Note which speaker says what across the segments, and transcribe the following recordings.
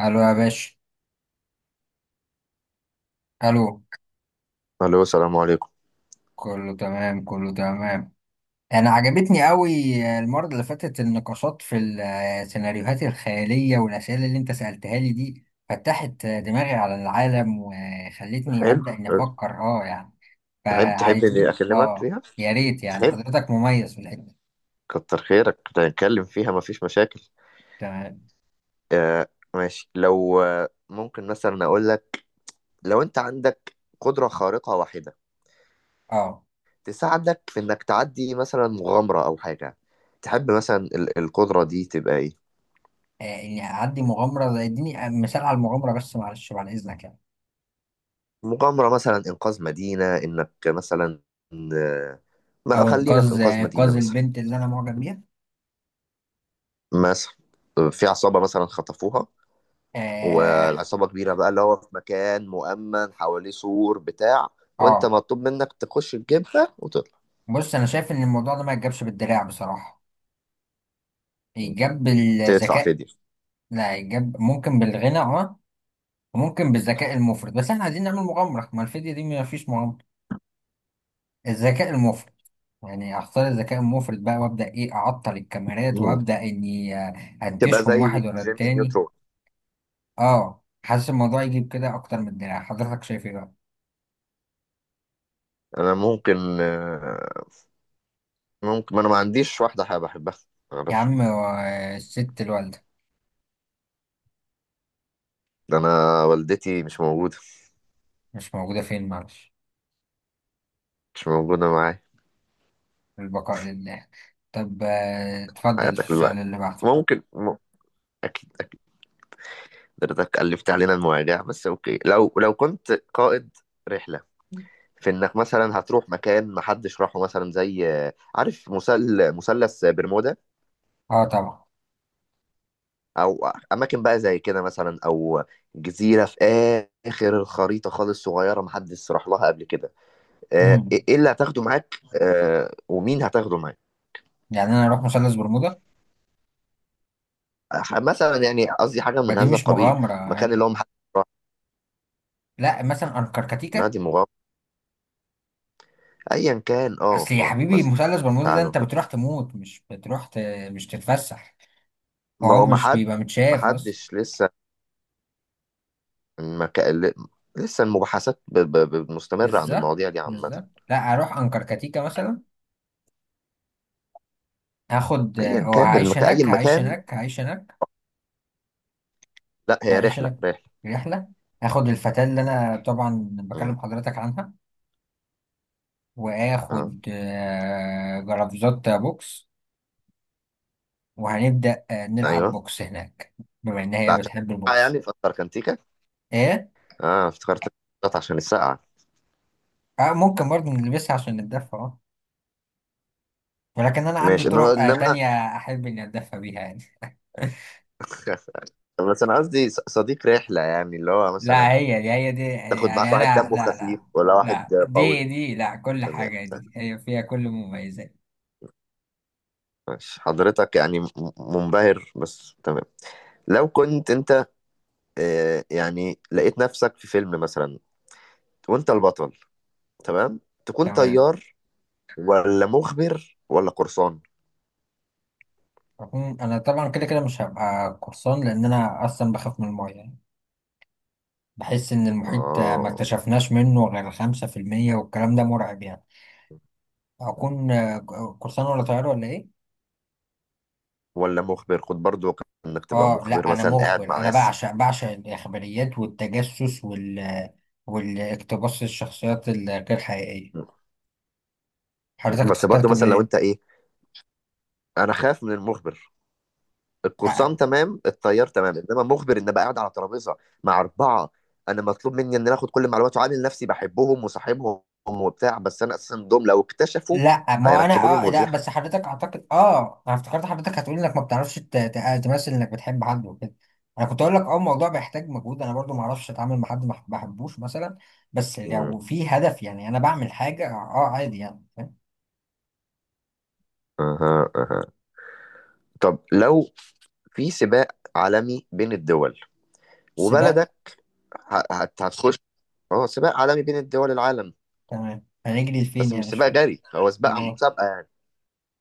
Speaker 1: الو يا باشا. الو.
Speaker 2: الو، السلام عليكم.
Speaker 1: كله تمام، كله تمام. انا عجبتني قوي. المره اللي فاتت النقاشات في السيناريوهات الخياليه والاسئله اللي انت سالتها لي دي فتحت دماغي على العالم وخلتني
Speaker 2: حلو.
Speaker 1: ابدا اني افكر يعني.
Speaker 2: تحب اني
Speaker 1: فعايزين
Speaker 2: اكلمك فيها؟
Speaker 1: يا ريت يعني
Speaker 2: تحب؟
Speaker 1: حضرتك مميز في الحته دي.
Speaker 2: كتر خيرك، نتكلم فيها مفيش مشاكل.
Speaker 1: تمام.
Speaker 2: آه، ماشي. لو ممكن مثلا اقول لك، لو انت عندك قدرة خارقة واحدة
Speaker 1: اه
Speaker 2: تساعدك في انك تعدي مثلا مغامرة او حاجة، تحب مثلا القدرة دي تبقى ايه؟
Speaker 1: اني اعدي مغامره اديني مثال على المغامره بس معلش بعد اذنك يعني.
Speaker 2: مغامرة مثلا انقاذ مدينة، انك مثلا آه ما
Speaker 1: او
Speaker 2: خلينا في
Speaker 1: انقاذ
Speaker 2: انقاذ مدينة
Speaker 1: انقاذ
Speaker 2: مثلا،
Speaker 1: البنت اللي انا معجب بيها.
Speaker 2: مثلا في عصابة مثلا خطفوها،
Speaker 1: اه.
Speaker 2: والعصابة كبيرة بقى، اللي هو في مكان مؤمن حواليه سور بتاع، وانت
Speaker 1: آه.
Speaker 2: مطلوب منك تخش تجيبها وتطلع.
Speaker 1: بص، انا شايف ان الموضوع ده ما يتجابش بالدراع بصراحه. يتجاب
Speaker 2: تدفع
Speaker 1: بالذكاء.
Speaker 2: فدية؟
Speaker 1: لا، يتجاب ممكن بالغنى وممكن بالذكاء المفرط، بس احنا عايزين نعمل مغامره، ما الفيديو دي ما فيش مغامره. الذكاء المفرط. يعني اختار الذكاء المفرط بقى، وابدا ايه، اعطل الكاميرات
Speaker 2: مم.
Speaker 1: وابدا اني
Speaker 2: تبقى
Speaker 1: انتشهم واحد
Speaker 2: زي
Speaker 1: ورا
Speaker 2: جيمي
Speaker 1: التاني.
Speaker 2: نيوترون.
Speaker 1: اه، حاسس الموضوع يجيب كده اكتر من الدراع. حضرتك شايف ايه بقى؟
Speaker 2: انا ممكن ممكن, ما انا ما عنديش واحدة حابة احبها، ما
Speaker 1: يا
Speaker 2: اعرفش.
Speaker 1: عم، الست الوالده.
Speaker 2: ده انا والدتي مش موجودة،
Speaker 1: مش موجوده فين؟ معلش.
Speaker 2: مش موجودة معايا.
Speaker 1: البقاء لله. طب اتفضل
Speaker 2: حياتك
Speaker 1: السؤال
Speaker 2: دلوقتي
Speaker 1: اللي بعده.
Speaker 2: ممكن اكيد، اكيد حضرتك ألفت علينا المواجع، بس اوكي. لو كنت قائد رحلة، في انك مثلا هتروح مكان محدش راحه، مثلا زي عارف مثلث برمودا،
Speaker 1: اه طبعا.
Speaker 2: او اماكن بقى زي كده مثلا، او جزيره في اخر الخريطه خالص، صغيره محدش راح لها قبل كده. آه، ايه
Speaker 1: مم.
Speaker 2: إيه اللي هتاخده معاك؟ ومين هتاخده معاك؟
Speaker 1: يعني انا اروح مثلث برمودا.
Speaker 2: مثلا يعني قصدي حاجه
Speaker 1: ما
Speaker 2: من
Speaker 1: دي
Speaker 2: هذا
Speaker 1: مش
Speaker 2: القبيل،
Speaker 1: مغامره.
Speaker 2: مكان اللي هو محدش راح.
Speaker 1: لا، مثلا انكركتيكا.
Speaker 2: نادي مغامره ايا كان.
Speaker 1: اصل يا
Speaker 2: اه
Speaker 1: حبيبي
Speaker 2: مثلا
Speaker 1: مثلث برمودا ده
Speaker 2: تعالوا.
Speaker 1: انت بتروح تموت، مش بتروح مش تتفسح.
Speaker 2: ما
Speaker 1: وهو
Speaker 2: هو
Speaker 1: مش بيبقى متشاف اصلا.
Speaker 2: محدش لسه، المك... ل- لسه المباحثات مستمرة عن
Speaker 1: بالظبط.
Speaker 2: المواضيع دي عامة.
Speaker 1: بالظبط. لا اروح انكركتيكا مثلا. هاخد
Speaker 2: أيا كان
Speaker 1: وهعيش
Speaker 2: المكان، أي
Speaker 1: هناك، هعيش
Speaker 2: مكان.
Speaker 1: هناك، هعيش هناك.
Speaker 2: لا، هي
Speaker 1: هعيش
Speaker 2: رحلة،
Speaker 1: هناك.
Speaker 2: رحلة.
Speaker 1: رحله. هاخد الفتاة اللي انا طبعا
Speaker 2: امم.
Speaker 1: بكلم حضرتك عنها.
Speaker 2: اه.
Speaker 1: واخد جرافزات بوكس. وهنبدأ نلعب
Speaker 2: أيوه.
Speaker 1: بوكس هناك، بما إن
Speaker 2: ده
Speaker 1: هي
Speaker 2: عشان
Speaker 1: بتحب
Speaker 2: السقعة
Speaker 1: البوكس.
Speaker 2: يعني في أنتاركتيكا.
Speaker 1: إيه؟
Speaker 2: اه، افتكرت، كانت عشان السقعة.
Speaker 1: آه ممكن برضه نلبسها عشان نتدفى ولكن أنا عندي
Speaker 2: ماشي، إنما
Speaker 1: طرق
Speaker 2: إنما
Speaker 1: تانية. أحب إني أتدفى بيها يعني.
Speaker 2: بس أنا قصدي صديق رحلة، يعني اللي هو
Speaker 1: لا،
Speaker 2: مثلا
Speaker 1: هي دي هي دي.
Speaker 2: تاخد معاك
Speaker 1: يعني
Speaker 2: واحد
Speaker 1: أنا
Speaker 2: دمه
Speaker 1: لا، لا.
Speaker 2: خفيف ولا
Speaker 1: لا
Speaker 2: واحد قوي.
Speaker 1: دي لا، كل
Speaker 2: تمام،
Speaker 1: حاجة دي هي فيها كل المميزات.
Speaker 2: ماشي. حضرتك يعني منبهر، بس تمام. لو كنت انت يعني لقيت نفسك في فيلم مثلا وانت البطل، تمام، تكون
Speaker 1: تمام.
Speaker 2: طيار ولا مخبر ولا قرصان؟
Speaker 1: أكون- أنا طبعا كده كده مش هبقى قرصان، لأن أنا أصلا بخاف من المية يعني. بحس إن المحيط ما
Speaker 2: اه
Speaker 1: اكتشفناش منه غير 5%، والكلام ده مرعب يعني. أكون قرصان ولا طيار ولا إيه؟
Speaker 2: ولا مخبر، خد برضو كان انك تبقى
Speaker 1: اه لا،
Speaker 2: مخبر
Speaker 1: انا
Speaker 2: مثلا، قاعد
Speaker 1: مخبر.
Speaker 2: مع
Speaker 1: انا
Speaker 2: ناس.
Speaker 1: بعشق الاخباريات والتجسس وال والاقتباس الشخصيات الغير حقيقيه. حضرتك
Speaker 2: بس برضو
Speaker 1: اخترت
Speaker 2: مثلا، لو
Speaker 1: بايه؟
Speaker 2: انت ايه، انا خايف من المخبر. القرصان
Speaker 1: آه.
Speaker 2: تمام، الطيار تمام، انما مخبر، ان ابقى قاعد على ترابيزه مع اربعه، انا مطلوب مني ان انا اخد كل المعلومات وعامل نفسي بحبهم وصاحبهم وبتاع، بس انا اساسا دول لو اكتشفوا
Speaker 1: لا ما هو انا.
Speaker 2: هيركبوني
Speaker 1: اه لا
Speaker 2: مرجيحه.
Speaker 1: بس حضرتك، اعتقد انا افتكرت حضرتك هتقول انك ما بتعرفش تمثل انك بتحب حد وكده. انا كنت اقول لك الموضوع بيحتاج مجهود، انا برضو ما اعرفش اتعامل مع حد ما بحبوش مثلا. بس لو
Speaker 2: مم.
Speaker 1: في هدف يعني انا بعمل حاجه عادي يعني، فاهم.
Speaker 2: اها، اها. طب لو في سباق عالمي بين الدول
Speaker 1: سباق.
Speaker 2: وبلدك هتخش، هو سباق عالمي بين الدول العالم.
Speaker 1: تمام، هنجري لفين
Speaker 2: بس
Speaker 1: يعني؟
Speaker 2: مش
Speaker 1: مش
Speaker 2: سباق
Speaker 1: فاهم.
Speaker 2: جري، هو سباق مسابقة يعني.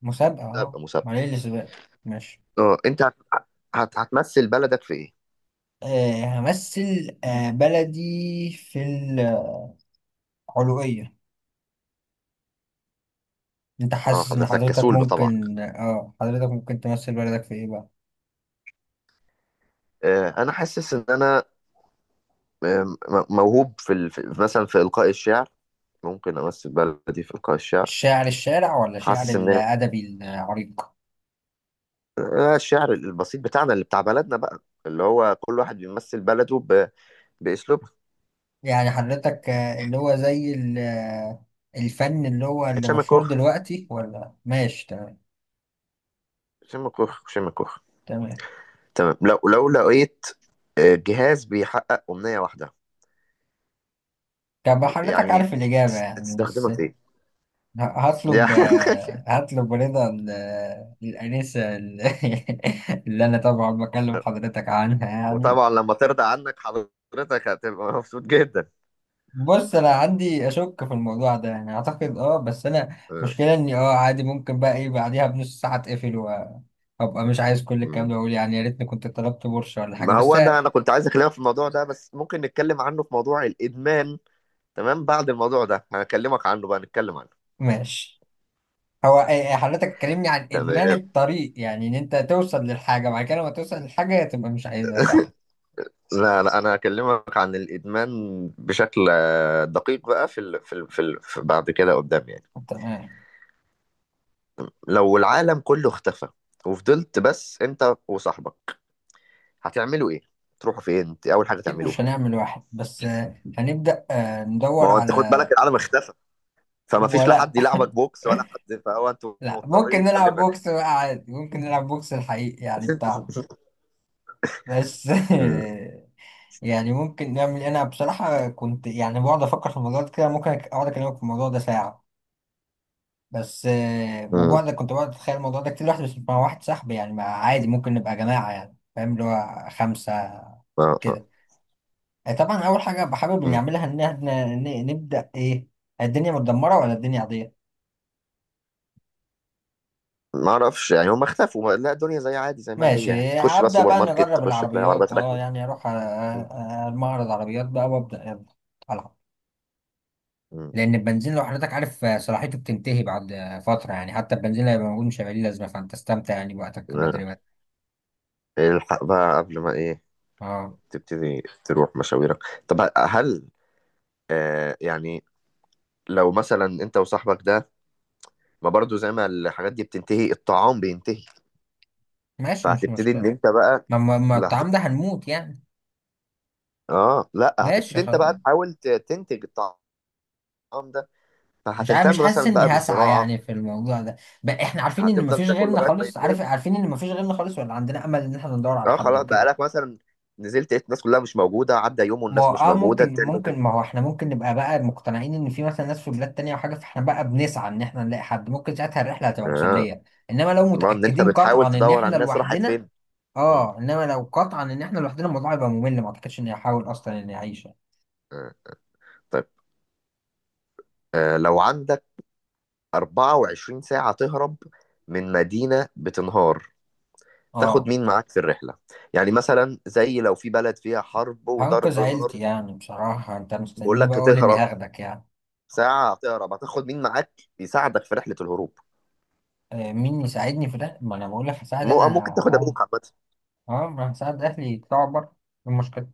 Speaker 1: مسابقة،
Speaker 2: مسابقة مسابقة
Speaker 1: معلش الأسباب. ماشي.
Speaker 2: اه انت هتمثل بلدك في ايه؟
Speaker 1: همثل بلدي في العلوية. انت
Speaker 2: اه
Speaker 1: حاسس ان
Speaker 2: حضرتك
Speaker 1: حضرتك
Speaker 2: كسول بطبعك.
Speaker 1: ممكن حضرتك ممكن تمثل بلدك في ايه بقى؟
Speaker 2: انا حاسس ان انا آه، موهوب في مثلا في القاء الشعر، ممكن امثل بلدي في القاء الشعر.
Speaker 1: الشعر الشارع ولا شعر
Speaker 2: حاسس ان
Speaker 1: الأدبي العريق؟
Speaker 2: الشعر البسيط بتاعنا، اللي بتاع بلدنا بقى، اللي هو كل واحد بيمثل بلده باسلوبه.
Speaker 1: يعني حضرتك اللي هو زي الفن اللي هو اللي
Speaker 2: هشام
Speaker 1: مشهور
Speaker 2: الكوخ،
Speaker 1: دلوقتي ولا، ماشي تمام.
Speaker 2: هشام الكوخ، هشام الكوخ.
Speaker 1: تمام.
Speaker 2: تمام. لو لقيت جهاز بيحقق أمنية واحدة
Speaker 1: طب حضرتك
Speaker 2: يعني،
Speaker 1: عارف الإجابة يعني،
Speaker 2: تستخدمها
Speaker 1: بس.
Speaker 2: في ايه؟
Speaker 1: هطلب.
Speaker 2: يعني
Speaker 1: رضا الأنسة اللي أنا طبعا بكلم حضرتك عنها يعني.
Speaker 2: وطبعا لما ترضى عنك حضرتك، هتبقى مبسوط جدا.
Speaker 1: بص، أنا عندي أشك في الموضوع ده يعني، أعتقد بس أنا
Speaker 2: آه،
Speaker 1: مشكلة إني عادي، ممكن بقى إيه بعديها بنص ساعة أتقفل وأبقى مش عايز كل الكلام
Speaker 2: مم.
Speaker 1: ده، وأقول يعني يا ريتني كنت طلبت بورشة ولا حاجة
Speaker 2: ما
Speaker 1: بس.
Speaker 2: هو ده انا كنت عايز اكلمك في الموضوع ده، بس ممكن نتكلم عنه في موضوع الادمان. تمام، بعد الموضوع ده هكلمك عنه بقى، نتكلم عنه.
Speaker 1: ماشي. هو إيه، حضرتك اتكلمني عن إدمان
Speaker 2: تمام.
Speaker 1: الطريق يعني إن أنت توصل للحاجة، بعد كده لما توصل للحاجة تبقى مش عايزها، صح؟
Speaker 2: لا، لا، انا هكلمك عن الادمان بشكل دقيق بقى، في بعد كده قدام يعني.
Speaker 1: تمام.
Speaker 2: لو العالم كله اختفى، وفضلت بس انت وصاحبك، هتعملوا ايه؟ تروحوا فين؟ انت اول حاجه
Speaker 1: أكيد مش
Speaker 2: تعملوها.
Speaker 1: هنعمل واحد بس. هنبدأ
Speaker 2: ما
Speaker 1: ندور
Speaker 2: هو انت خد
Speaker 1: على.
Speaker 2: بالك، العالم اختفى، فما فيش لا
Speaker 1: ولا.
Speaker 2: حد يلعبك بوكس ولا حد، فهو انتوا
Speaker 1: لا، ممكن
Speaker 2: مضطرين
Speaker 1: نلعب
Speaker 2: غالبا يعني.
Speaker 1: بوكس بقى عادي، ممكن نلعب بوكس الحقيقي يعني بتاعنا. بس.
Speaker 2: امم،
Speaker 1: يعني ممكن نعمل إيه؟ أنا بصراحة كنت يعني بقعد أفكر في الموضوع ده كده، ممكن أقعد أكلمك في الموضوع ده ساعة. بس
Speaker 2: امم.
Speaker 1: وبقعد كنت بقعد أتخيل الموضوع ده كتير لوحدي، بس مع واحد صاحبي يعني، مع عادي ممكن نبقى جماعة يعني، فاهم اللي هو خمسة
Speaker 2: آه، آه.
Speaker 1: كده. طبعا أول حاجة بحابب
Speaker 2: أمم.
Speaker 1: نعملها إن إحنا نبدأ إيه، الدنيا متدمرة ولا الدنيا عادية.
Speaker 2: ما اعرفش يعني هم اختفوا، لا، الدنيا زي عادي زي ما هي. يعني
Speaker 1: ماشي،
Speaker 2: تخش بقى
Speaker 1: هبدأ
Speaker 2: سوبر
Speaker 1: بقى
Speaker 2: ماركت،
Speaker 1: نجرب
Speaker 2: تخش تلاقي
Speaker 1: العربيات.
Speaker 2: عربيات
Speaker 1: اه
Speaker 2: راكنه.
Speaker 1: يعني اروح
Speaker 2: أمم،
Speaker 1: المعرض عربيات بقى وابدأ يلا العب.
Speaker 2: أمم.
Speaker 1: لان البنزين لو حضرتك عارف صلاحيته بتنتهي بعد فترة يعني، حتى البنزين اللي هيبقى موجود مش هيبقى ليه لازمة، فانت استمتع يعني بوقتك، بدري
Speaker 2: آه.
Speaker 1: بدري.
Speaker 2: الحق بقى قبل ما ايه
Speaker 1: اه.
Speaker 2: تبتدي تروح مشاويرك. طب هل يعني لو مثلا انت وصاحبك ده، ما برضو زي ما الحاجات دي بتنتهي، الطعام بينتهي،
Speaker 1: ماشي، مش
Speaker 2: فهتبتدي ان
Speaker 1: مشكلة.
Speaker 2: انت بقى.
Speaker 1: ما
Speaker 2: لا.
Speaker 1: الطعام ده هنموت يعني.
Speaker 2: اه، لا،
Speaker 1: ماشي
Speaker 2: هتبتدي انت
Speaker 1: خلاص.
Speaker 2: بقى تحاول تنتج الطعام ده،
Speaker 1: مش عارف،
Speaker 2: فهتهتم
Speaker 1: مش حاسس
Speaker 2: مثلا
Speaker 1: اني
Speaker 2: بقى
Speaker 1: هسعى
Speaker 2: بالزراعه.
Speaker 1: يعني في الموضوع ده، بقى احنا عارفين ان
Speaker 2: هتفضل
Speaker 1: مفيش
Speaker 2: تاكل
Speaker 1: غيرنا
Speaker 2: لغايه ما
Speaker 1: خالص،
Speaker 2: ينتهي.
Speaker 1: عارفين ان مفيش غيرنا خالص، ولا عندنا امل ان احنا ندور على
Speaker 2: اه
Speaker 1: حد
Speaker 2: خلاص بقى،
Speaker 1: وكده.
Speaker 2: لك مثلا نزلت لقيت الناس كلها مش موجوده، عدى يوم
Speaker 1: ما
Speaker 2: والناس
Speaker 1: هو-
Speaker 2: مش
Speaker 1: اه
Speaker 2: موجوده،
Speaker 1: ممكن
Speaker 2: التاني والناس.
Speaker 1: ما هو احنا ممكن نبقى بقى مقتنعين ان في مثلا ناس في بلاد تانية او حاجة، فاحنا بقى بنسعى ان احنا نلاقي حد، ممكن ساعتها الرحلة هتبقى
Speaker 2: اه،
Speaker 1: مسلية. انما لو
Speaker 2: ما ان انت
Speaker 1: متأكدين قطعا
Speaker 2: بتحاول
Speaker 1: ان
Speaker 2: تدور على
Speaker 1: احنا
Speaker 2: الناس راحت
Speaker 1: لوحدنا.
Speaker 2: فين. مم.
Speaker 1: اه انما لو قطعا ان احنا لوحدنا الموضوع هيبقى ممل، ما اعتقدش اني هحاول اصلا اني اعيش.
Speaker 2: آه. طيب، لو عندك 24 ساعه تهرب من مدينه بتنهار، تاخد
Speaker 1: اه،
Speaker 2: مين معاك في الرحله؟ يعني مثلا زي لو في بلد فيها حرب
Speaker 1: هنقذ
Speaker 2: وضرب
Speaker 1: عيلتي
Speaker 2: نار.
Speaker 1: يعني. بصراحة انت
Speaker 2: بيقول
Speaker 1: مستنيني بقى
Speaker 2: لك
Speaker 1: اقول اني
Speaker 2: هتهرب،
Speaker 1: هاخدك يعني.
Speaker 2: ساعة تهرب هتاخد مين معاك يساعدك في رحلة الهروب؟
Speaker 1: آه مين يساعدني في ده، ما انا بقول لك هساعد انا.
Speaker 2: أو ممكن تاخد
Speaker 1: اه،
Speaker 2: أبوك عامة.
Speaker 1: اه، ما هساعد اهلي يطلعوا بره. إيه المشكلة؟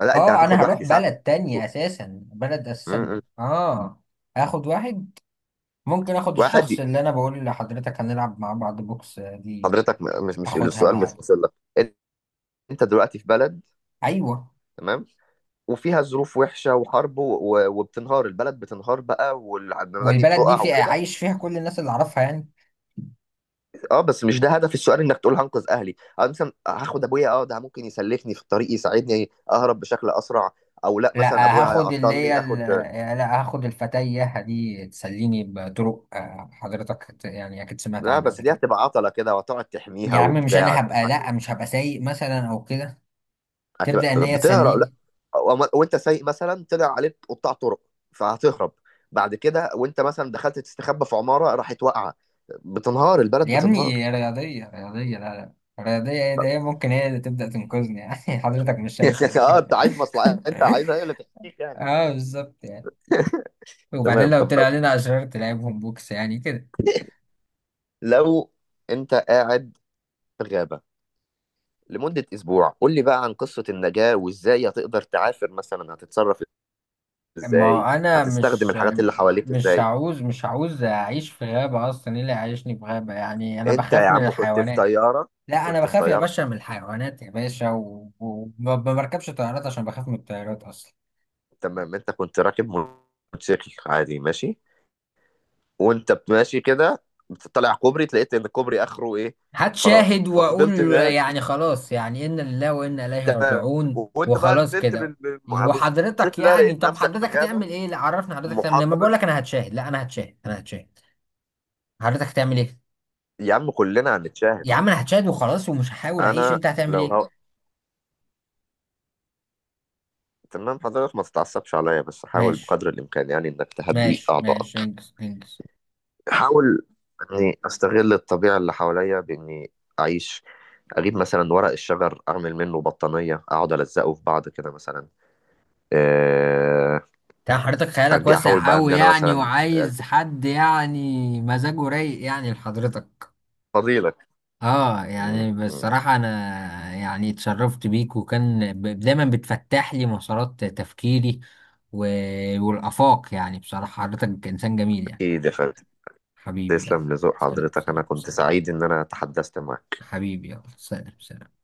Speaker 2: لا، أنت
Speaker 1: اه
Speaker 2: هتاخد
Speaker 1: انا
Speaker 2: واحد
Speaker 1: هروح
Speaker 2: يساعدك
Speaker 1: بلد
Speaker 2: في رحلة
Speaker 1: تانية
Speaker 2: الهروب.
Speaker 1: اساسا، بلد
Speaker 2: م-
Speaker 1: اساسا
Speaker 2: م.
Speaker 1: اه اخد واحد. ممكن اخد
Speaker 2: واحد
Speaker 1: الشخص
Speaker 2: ي-
Speaker 1: اللي انا بقول لحضرتك هنلعب مع بعض بوكس، دي.
Speaker 2: حضرتك مش
Speaker 1: اخدها
Speaker 2: السؤال مش
Speaker 1: معايا.
Speaker 2: واصل لك. أن- أنت دلوقتي في بلد،
Speaker 1: ايوه.
Speaker 2: تمام، وفيها ظروف وحشة وحرب وبتنهار البلد، بتنهار بقى، والمباني
Speaker 1: والبلد دي
Speaker 2: بتقع
Speaker 1: في
Speaker 2: وكده.
Speaker 1: عايش فيها كل الناس اللي اعرفها يعني.
Speaker 2: اه بس مش ده هدف السؤال، انك تقول هنقذ اهلي أو مثلا هاخد ابويا، اه ده ممكن يسلفني في الطريق، يساعدني اهرب بشكل اسرع، او لا مثلا
Speaker 1: لا
Speaker 2: ابويا
Speaker 1: هاخد اللي هي
Speaker 2: هيعطلني
Speaker 1: ال-
Speaker 2: اخد.
Speaker 1: لا هاخد الفتية دي تسليني بطرق، حضرتك يعني اكيد سمعت
Speaker 2: لا
Speaker 1: عنها
Speaker 2: بس
Speaker 1: قبل
Speaker 2: دي
Speaker 1: كده.
Speaker 2: هتبقى عطلة كده، وهتقعد تحميها
Speaker 1: يا عم، مش انا
Speaker 2: وبتاع.
Speaker 1: هبقى، لا مش هبقى سايق مثلا او كده.
Speaker 2: هتبقى
Speaker 1: تبدأ ان هي
Speaker 2: بتهرب لا.
Speaker 1: تسليني.
Speaker 2: وانت سايق مثلا طلع عليك قطاع طرق، فهتهرب. بعد كده وانت مثلا دخلت تستخبى في عمارة راحت واقعة، بتنهار البلد،
Speaker 1: يا
Speaker 2: بتنهار.
Speaker 1: ابني رياضية، رياضية، لا لا. رياضية ايه ده، هي ممكن هي اللي تبدأ تنقذني يعني. حضرتك مش شايفة
Speaker 2: اه،
Speaker 1: دي.
Speaker 2: انت عايز مصلحة، انت عايزها هي اللي تحكيك يعني.
Speaker 1: اه بالظبط يعني. وبعدين
Speaker 2: تمام.
Speaker 1: لو
Speaker 2: طب لو
Speaker 1: طلع لنا أشرار تلعبهم بوكس يعني كده.
Speaker 2: لو انت قاعد في غابة لمدة أسبوع، قول لي بقى عن قصة النجاة، وإزاي هتقدر تعافر، مثلا هتتصرف إزاي؟
Speaker 1: ما أنا
Speaker 2: هتستخدم
Speaker 1: مش،
Speaker 2: الحاجات اللي حواليك
Speaker 1: مش
Speaker 2: إزاي؟
Speaker 1: هعوز مش هعوز أعيش في غابة أصلا. إيه اللي هيعيشني في غابة يعني، أنا
Speaker 2: انت يا
Speaker 1: بخاف من
Speaker 2: عم كنت في
Speaker 1: الحيوانات.
Speaker 2: طياره
Speaker 1: لا أنا
Speaker 2: كنت في
Speaker 1: بخاف يا
Speaker 2: طياره
Speaker 1: باشا من الحيوانات يا باشا. وما بركبش طيارات عشان بخاف من الطيارات أصلا.
Speaker 2: تمام، انت كنت راكب موتوسيكل عادي ماشي، وانت ماشي كده بتطلع كوبري، لقيت ان الكوبري اخره ايه؟ فراغ.
Speaker 1: هتشاهد واقول.
Speaker 2: ففضلت ماشي.
Speaker 1: يعني خلاص يعني، انا لله وانا اليه
Speaker 2: تمام،
Speaker 1: راجعون
Speaker 2: وانت بقى
Speaker 1: وخلاص
Speaker 2: نزلت
Speaker 1: كده. وحضرتك
Speaker 2: بالموتوسيكل ده،
Speaker 1: يعني
Speaker 2: لقيت
Speaker 1: طب
Speaker 2: نفسك في
Speaker 1: حضرتك
Speaker 2: غابه
Speaker 1: هتعمل ايه؟ لا عرفني حضرتك هتعمل ايه،
Speaker 2: محاطه
Speaker 1: ما بقول
Speaker 2: بال-
Speaker 1: لك انا هتشاهد، لا انا هتشاهد، انا هتشاهد. حضرتك هتعمل ايه؟
Speaker 2: يا عم كلنا هنتشاهد.
Speaker 1: يا عم انا هتشاهد وخلاص، ومش هحاول اعيش.
Speaker 2: انا
Speaker 1: انت هتعمل
Speaker 2: لو هو...
Speaker 1: ايه؟
Speaker 2: تمام، حضرتك ما تتعصبش عليا، بس حاول
Speaker 1: ماشي،
Speaker 2: بقدر الامكان يعني انك تهدي
Speaker 1: ماشي، ماشي،
Speaker 2: اعضائك.
Speaker 1: انجز انجز.
Speaker 2: احاول اني استغل الطبيعه اللي حواليا باني اعيش، اجيب مثلا ورق الشجر اعمل منه بطانيه، اقعد الزقه في بعض كده مثلا. آه،
Speaker 1: تمام، حضرتك خيالك
Speaker 2: اجي احاول
Speaker 1: واسع
Speaker 2: بقى ان
Speaker 1: قوي
Speaker 2: انا
Speaker 1: يعني،
Speaker 2: مثلا
Speaker 1: وعايز حد يعني مزاجه رايق يعني لحضرتك.
Speaker 2: فضيلك.
Speaker 1: اه
Speaker 2: م-
Speaker 1: يعني
Speaker 2: م.
Speaker 1: بصراحة انا يعني اتشرفت بيك، وكان دايما بتفتح لي مسارات تفكيري و... والآفاق يعني. بصراحة حضرتك انسان جميل يعني.
Speaker 2: اكيد يا فندم.
Speaker 1: حبيبي يلا،
Speaker 2: تسلم لذوق
Speaker 1: سلام
Speaker 2: حضرتك، انا
Speaker 1: سلام
Speaker 2: كنت
Speaker 1: سلام.
Speaker 2: سعيد ان انا تحدثت معك.
Speaker 1: حبيبي يلا، سلام سلام.